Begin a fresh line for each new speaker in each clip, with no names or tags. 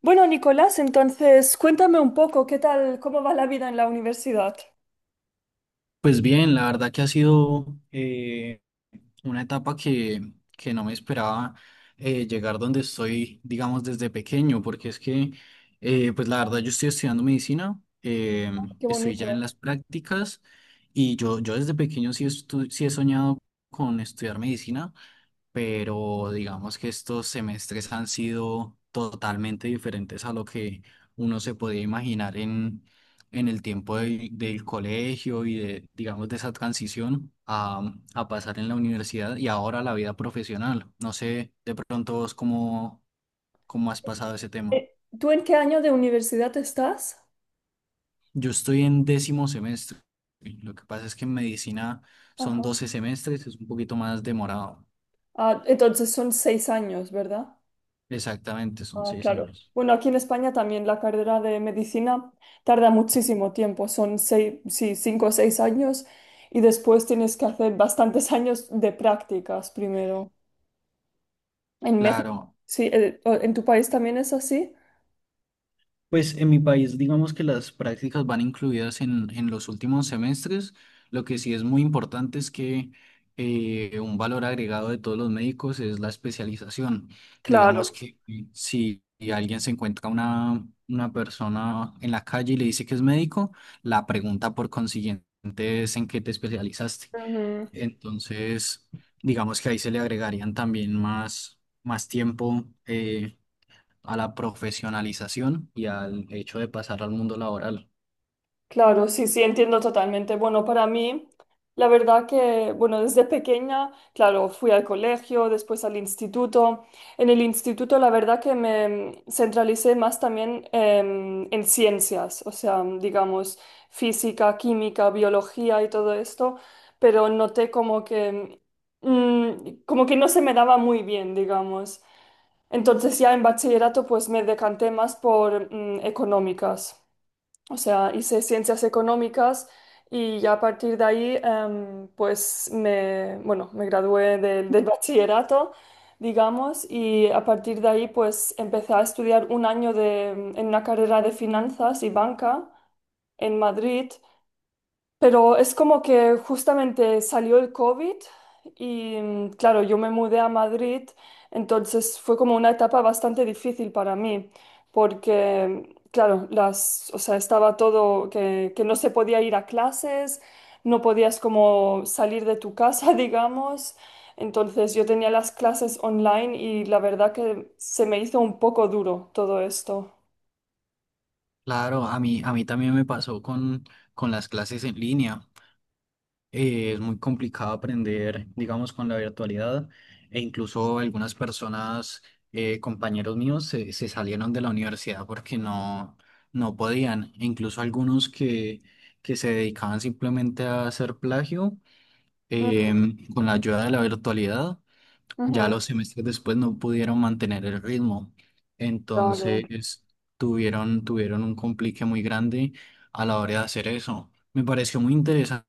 Bueno, Nicolás, entonces cuéntame un poco, ¿qué tal, cómo va la vida en la universidad?
Pues bien, la verdad que ha sido una etapa que no me esperaba llegar donde estoy, digamos, desde pequeño, porque es que, pues la verdad, yo estoy estudiando medicina,
Qué
estoy ya en
bonito.
las prácticas y yo desde pequeño sí, sí he soñado con estudiar medicina, pero digamos que estos semestres han sido totalmente diferentes a lo que uno se podía imaginar en el tiempo del colegio y de, digamos, de esa transición a pasar en la universidad y ahora la vida profesional. No sé, de pronto vos cómo has pasado ese tema.
¿Tú en qué año de universidad estás?
Yo estoy en décimo semestre. Lo que pasa es que en medicina son
Ajá.
12 semestres, es un poquito más demorado.
Ah, entonces son 6 años, ¿verdad?
Exactamente, son
Ah,
seis
claro.
años.
Bueno, aquí en España también la carrera de medicina tarda muchísimo tiempo, son seis, sí, 5 o 6 años y después tienes que hacer bastantes años de prácticas primero. En México,
Claro.
sí, ¿en tu país también es así?
Pues en mi país, digamos que las prácticas van incluidas en los últimos semestres. Lo que sí es muy importante es que un valor agregado de todos los médicos es la especialización. Digamos
Claro.
que si alguien se encuentra una persona en la calle y le dice que es médico, la pregunta por consiguiente es en qué te especializaste.
Ujú.
Entonces, digamos que ahí se le agregarían también más tiempo. A la profesionalización y al hecho de pasar al mundo laboral.
Claro, sí, sí, entiendo totalmente. Bueno, para mí, la verdad que, bueno, desde pequeña, claro, fui al colegio, después al instituto. En el instituto, la verdad que me centralicé más también en ciencias, o sea, digamos, física, química, biología y todo esto, pero noté como que, mm, como que no se me daba muy bien, digamos. Entonces ya en bachillerato, pues me decanté más por económicas. O sea, hice ciencias económicas y ya a partir de ahí, pues me, bueno, me gradué del bachillerato, digamos, y a partir de ahí, pues empecé a estudiar un año de, en una carrera de finanzas y banca en Madrid, pero es como que justamente salió el COVID y claro, yo me mudé a Madrid, entonces fue como una etapa bastante difícil para mí, porque claro, las, o sea, estaba todo que, no se podía ir a clases, no podías como salir de tu casa, digamos. Entonces yo tenía las clases online y la verdad que se me hizo un poco duro todo esto.
Claro, a mí también me pasó con las clases en línea. Es muy complicado aprender, digamos, con la virtualidad, e incluso algunas personas, compañeros míos, se salieron de la universidad porque no podían. E incluso algunos que se dedicaban simplemente a hacer plagio,
Mm,
em, con la ayuda de la virtualidad. Ya
ujú,
los semestres después no pudieron mantener el ritmo,
claro.
entonces tuvieron un complique muy grande a la hora de hacer eso. Me pareció muy interesante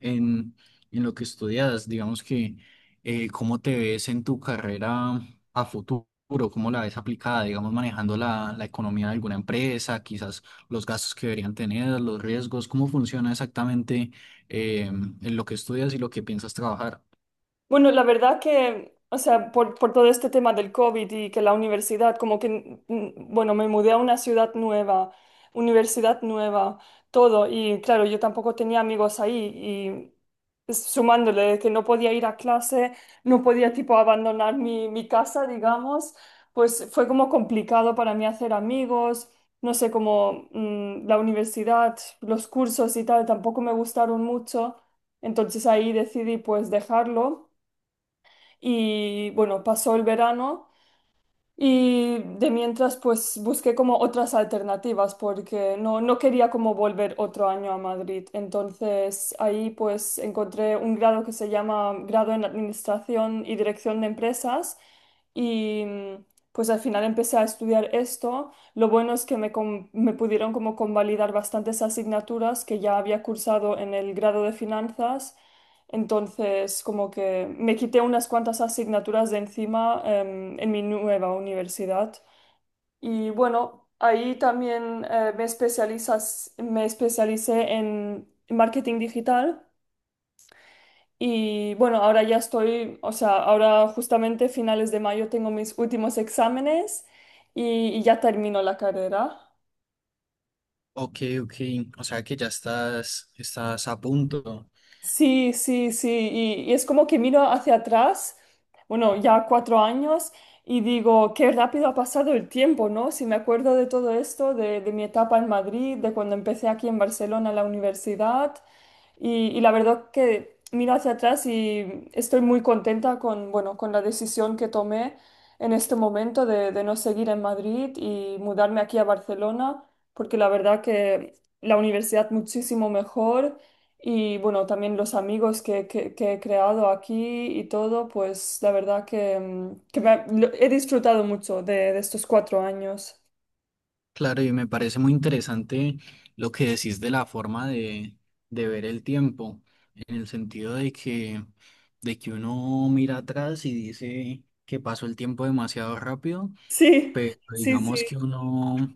en, en lo que estudias, digamos que cómo te ves en tu carrera a futuro, cómo la ves aplicada, digamos, manejando la economía de alguna empresa, quizás los gastos que deberían tener, los riesgos, cómo funciona exactamente en lo que estudias y lo que piensas trabajar.
Bueno, la verdad que, o sea, por, todo este tema del COVID y que la universidad, como que, bueno, me mudé a una ciudad nueva, universidad nueva, todo, y claro, yo tampoco tenía amigos ahí, y sumándole que no podía ir a clase, no podía tipo abandonar mi casa, digamos, pues fue como complicado para mí hacer amigos, no sé, como la universidad, los cursos y tal, tampoco me gustaron mucho, entonces ahí decidí pues dejarlo. Y bueno, pasó el verano y de mientras pues busqué como otras alternativas porque no, no quería como volver otro año a Madrid. Entonces ahí pues encontré un grado que se llama grado en Administración y Dirección de Empresas y pues al final empecé a estudiar esto. Lo bueno es que me pudieron como convalidar bastantes asignaturas que ya había cursado en el grado de Finanzas. Entonces, como que me quité unas cuantas asignaturas de encima en mi nueva universidad. Y bueno, ahí también me especialicé en marketing digital. Y bueno, ahora ya estoy, o sea, ahora justamente finales de mayo tengo mis últimos exámenes y ya termino la carrera.
Ok, ok. O sea que ya estás a punto.
Sí, sí, sí, y es como que miro hacia atrás, bueno, ya 4 años, y digo, qué rápido ha pasado el tiempo, ¿no? Si me acuerdo de todo esto, de mi etapa en Madrid, de cuando empecé aquí en Barcelona la universidad, y la verdad que miro hacia atrás y estoy muy contenta con, bueno, con la decisión que tomé en este momento de no seguir en Madrid y mudarme aquí a Barcelona, porque la verdad que la universidad muchísimo mejor y bueno, también los amigos que, que he creado aquí y todo, pues la verdad que, que he disfrutado mucho de estos 4 años.
Claro, y me parece muy interesante lo que decís de la forma de ver el tiempo, en el sentido de que uno mira atrás y dice que pasó el tiempo demasiado rápido.
Sí,
Pero
sí,
digamos
sí.
que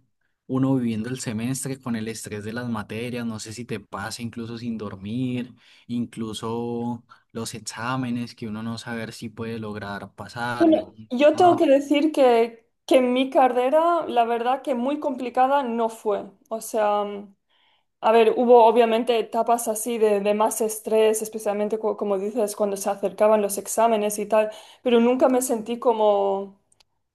uno viviendo el semestre con el estrés de las materias, no sé si te pasa incluso sin dormir, incluso los exámenes que uno no saber si puede lograr pasar. Digo,
Bueno, yo tengo
"Ah,
que decir que mi carrera, la verdad que muy complicada no fue. O sea, a ver, hubo obviamente etapas así de más estrés, especialmente como dices, cuando se acercaban los exámenes y tal, pero nunca me sentí como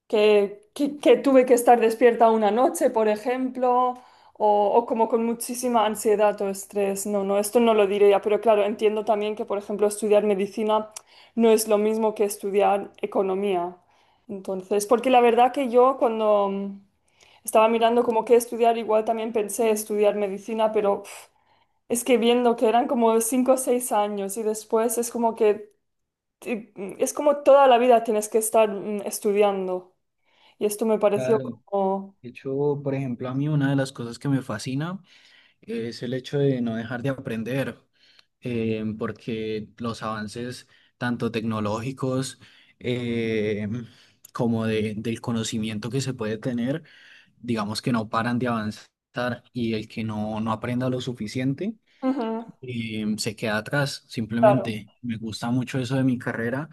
que, que tuve que estar despierta una noche, por ejemplo, o como con muchísima ansiedad o estrés. No, no, esto no lo diría, pero claro, entiendo también que, por ejemplo, estudiar medicina no es lo mismo que estudiar economía. Entonces, porque la verdad que yo cuando estaba mirando como que estudiar, igual también pensé estudiar medicina, pero uf, es que viendo que eran como 5 o 6 años y después es como que. te- Es como toda la vida tienes que estar estudiando. Y esto me pareció
claro.
como.
De hecho, por ejemplo, a mí una de las cosas que me fascina es el hecho de no dejar de aprender. Eh, porque los avances tanto tecnológicos, eh, como del conocimiento que se puede tener, digamos que no paran de avanzar, y el que no aprenda lo suficiente,
Ujú,
se queda atrás.
claro,
Simplemente me gusta mucho eso de mi carrera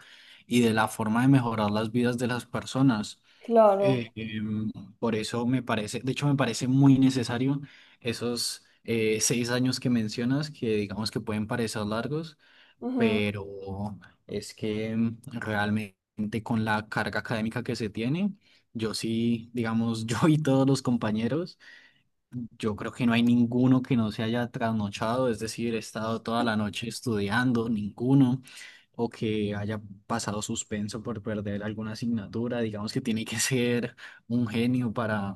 y de la forma de mejorar las vidas de las personas.
claro,
Eh, em, por eso me parece, de hecho me parece muy necesario esos 6 años que mencionas, que digamos que pueden parecer largos,
ujú,
pero es que realmente con la carga académica que se tiene, yo sí, digamos, yo y todos los compañeros, yo creo que no hay ninguno que no se haya trasnochado, es decir, he estado toda la noche estudiando, ninguno, o que haya pasado suspenso por perder alguna asignatura, digamos que tiene que ser un genio para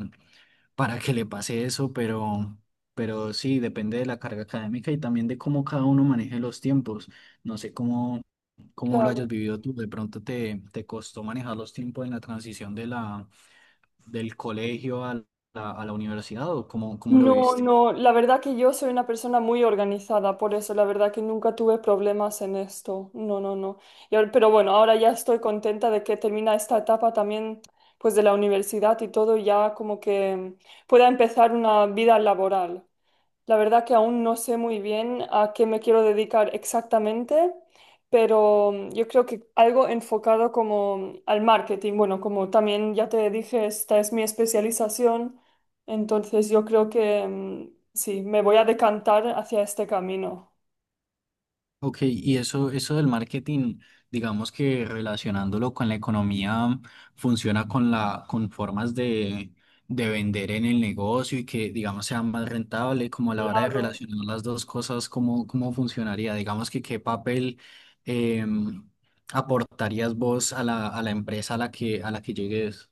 que le pase eso, pero sí, depende de la carga académica y también de cómo cada uno maneje los tiempos. No sé cómo lo hayas
claro.
vivido tú. De pronto te costó manejar los tiempos en la transición de del colegio a a la universidad o cómo lo
No,
viviste.
no, la verdad que yo soy una persona muy organizada, por eso la verdad que nunca tuve problemas en esto. No, no, no. Pero bueno, ahora ya estoy contenta de que termina esta etapa también, pues de la universidad y todo, y ya como que pueda empezar una vida laboral. La verdad que aún no sé muy bien a qué me quiero dedicar exactamente, pero yo creo que algo enfocado como al marketing. Bueno, como también ya te dije, esta es mi especialización, entonces yo creo que sí, me voy a decantar hacia este camino.
Ok, y eso del marketing, digamos que relacionándolo con la economía, funciona con con formas de vender en el negocio y que, digamos, sea más rentable, como a la hora de
Claro.
relacionar las dos cosas, ¿cómo, cómo funcionaría? Digamos que qué papel em, aportarías vos a a la empresa a la a la que llegues.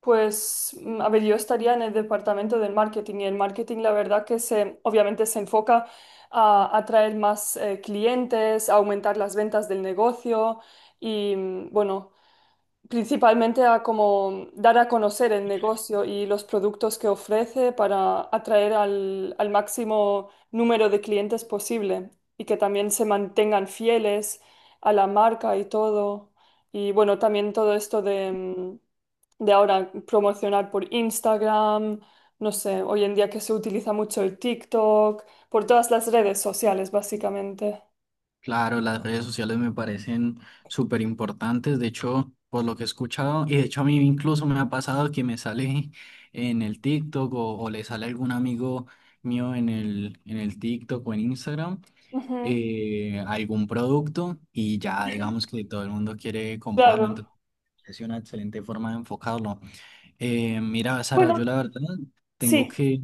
Pues, a ver, yo estaría en el departamento del marketing y el marketing, la verdad que se, obviamente se enfoca a atraer más clientes, a aumentar las ventas del negocio y, bueno, principalmente a como dar a conocer el negocio y los productos que ofrece para atraer al máximo número de clientes posible y que también se mantengan fieles a la marca y todo. Y bueno, también todo esto de de ahora promocionar por Instagram, no sé, hoy en día que se utiliza mucho el TikTok, por todas las redes sociales, básicamente.
Claro, las redes sociales me parecen súper importantes, de hecho, por lo que he escuchado, y de hecho a mí incluso me ha pasado que me sale en el TikTok o le sale algún amigo mío en el TikTok o en Instagram,
Ujú,
algún producto y ya digamos que todo el mundo quiere comprarlo,
claro.
entonces es una excelente forma de enfocarlo. Mira, Sara, yo
Bueno,
la verdad tengo
sí.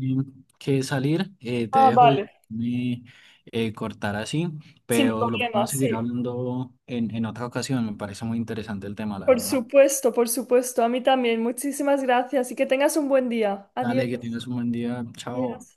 que salir. Eh, te
Ah,
dejo de
vale.
me, cortar así,
Sin
pero lo
problema,
podemos seguir
sí.
hablando en otra ocasión. Me parece muy interesante el tema, la
Por
verdad.
supuesto, por supuesto. A mí también. Muchísimas gracias y que tengas un buen día. Adiós.
Dale, que tienes un buen día. Chao.
Adiós.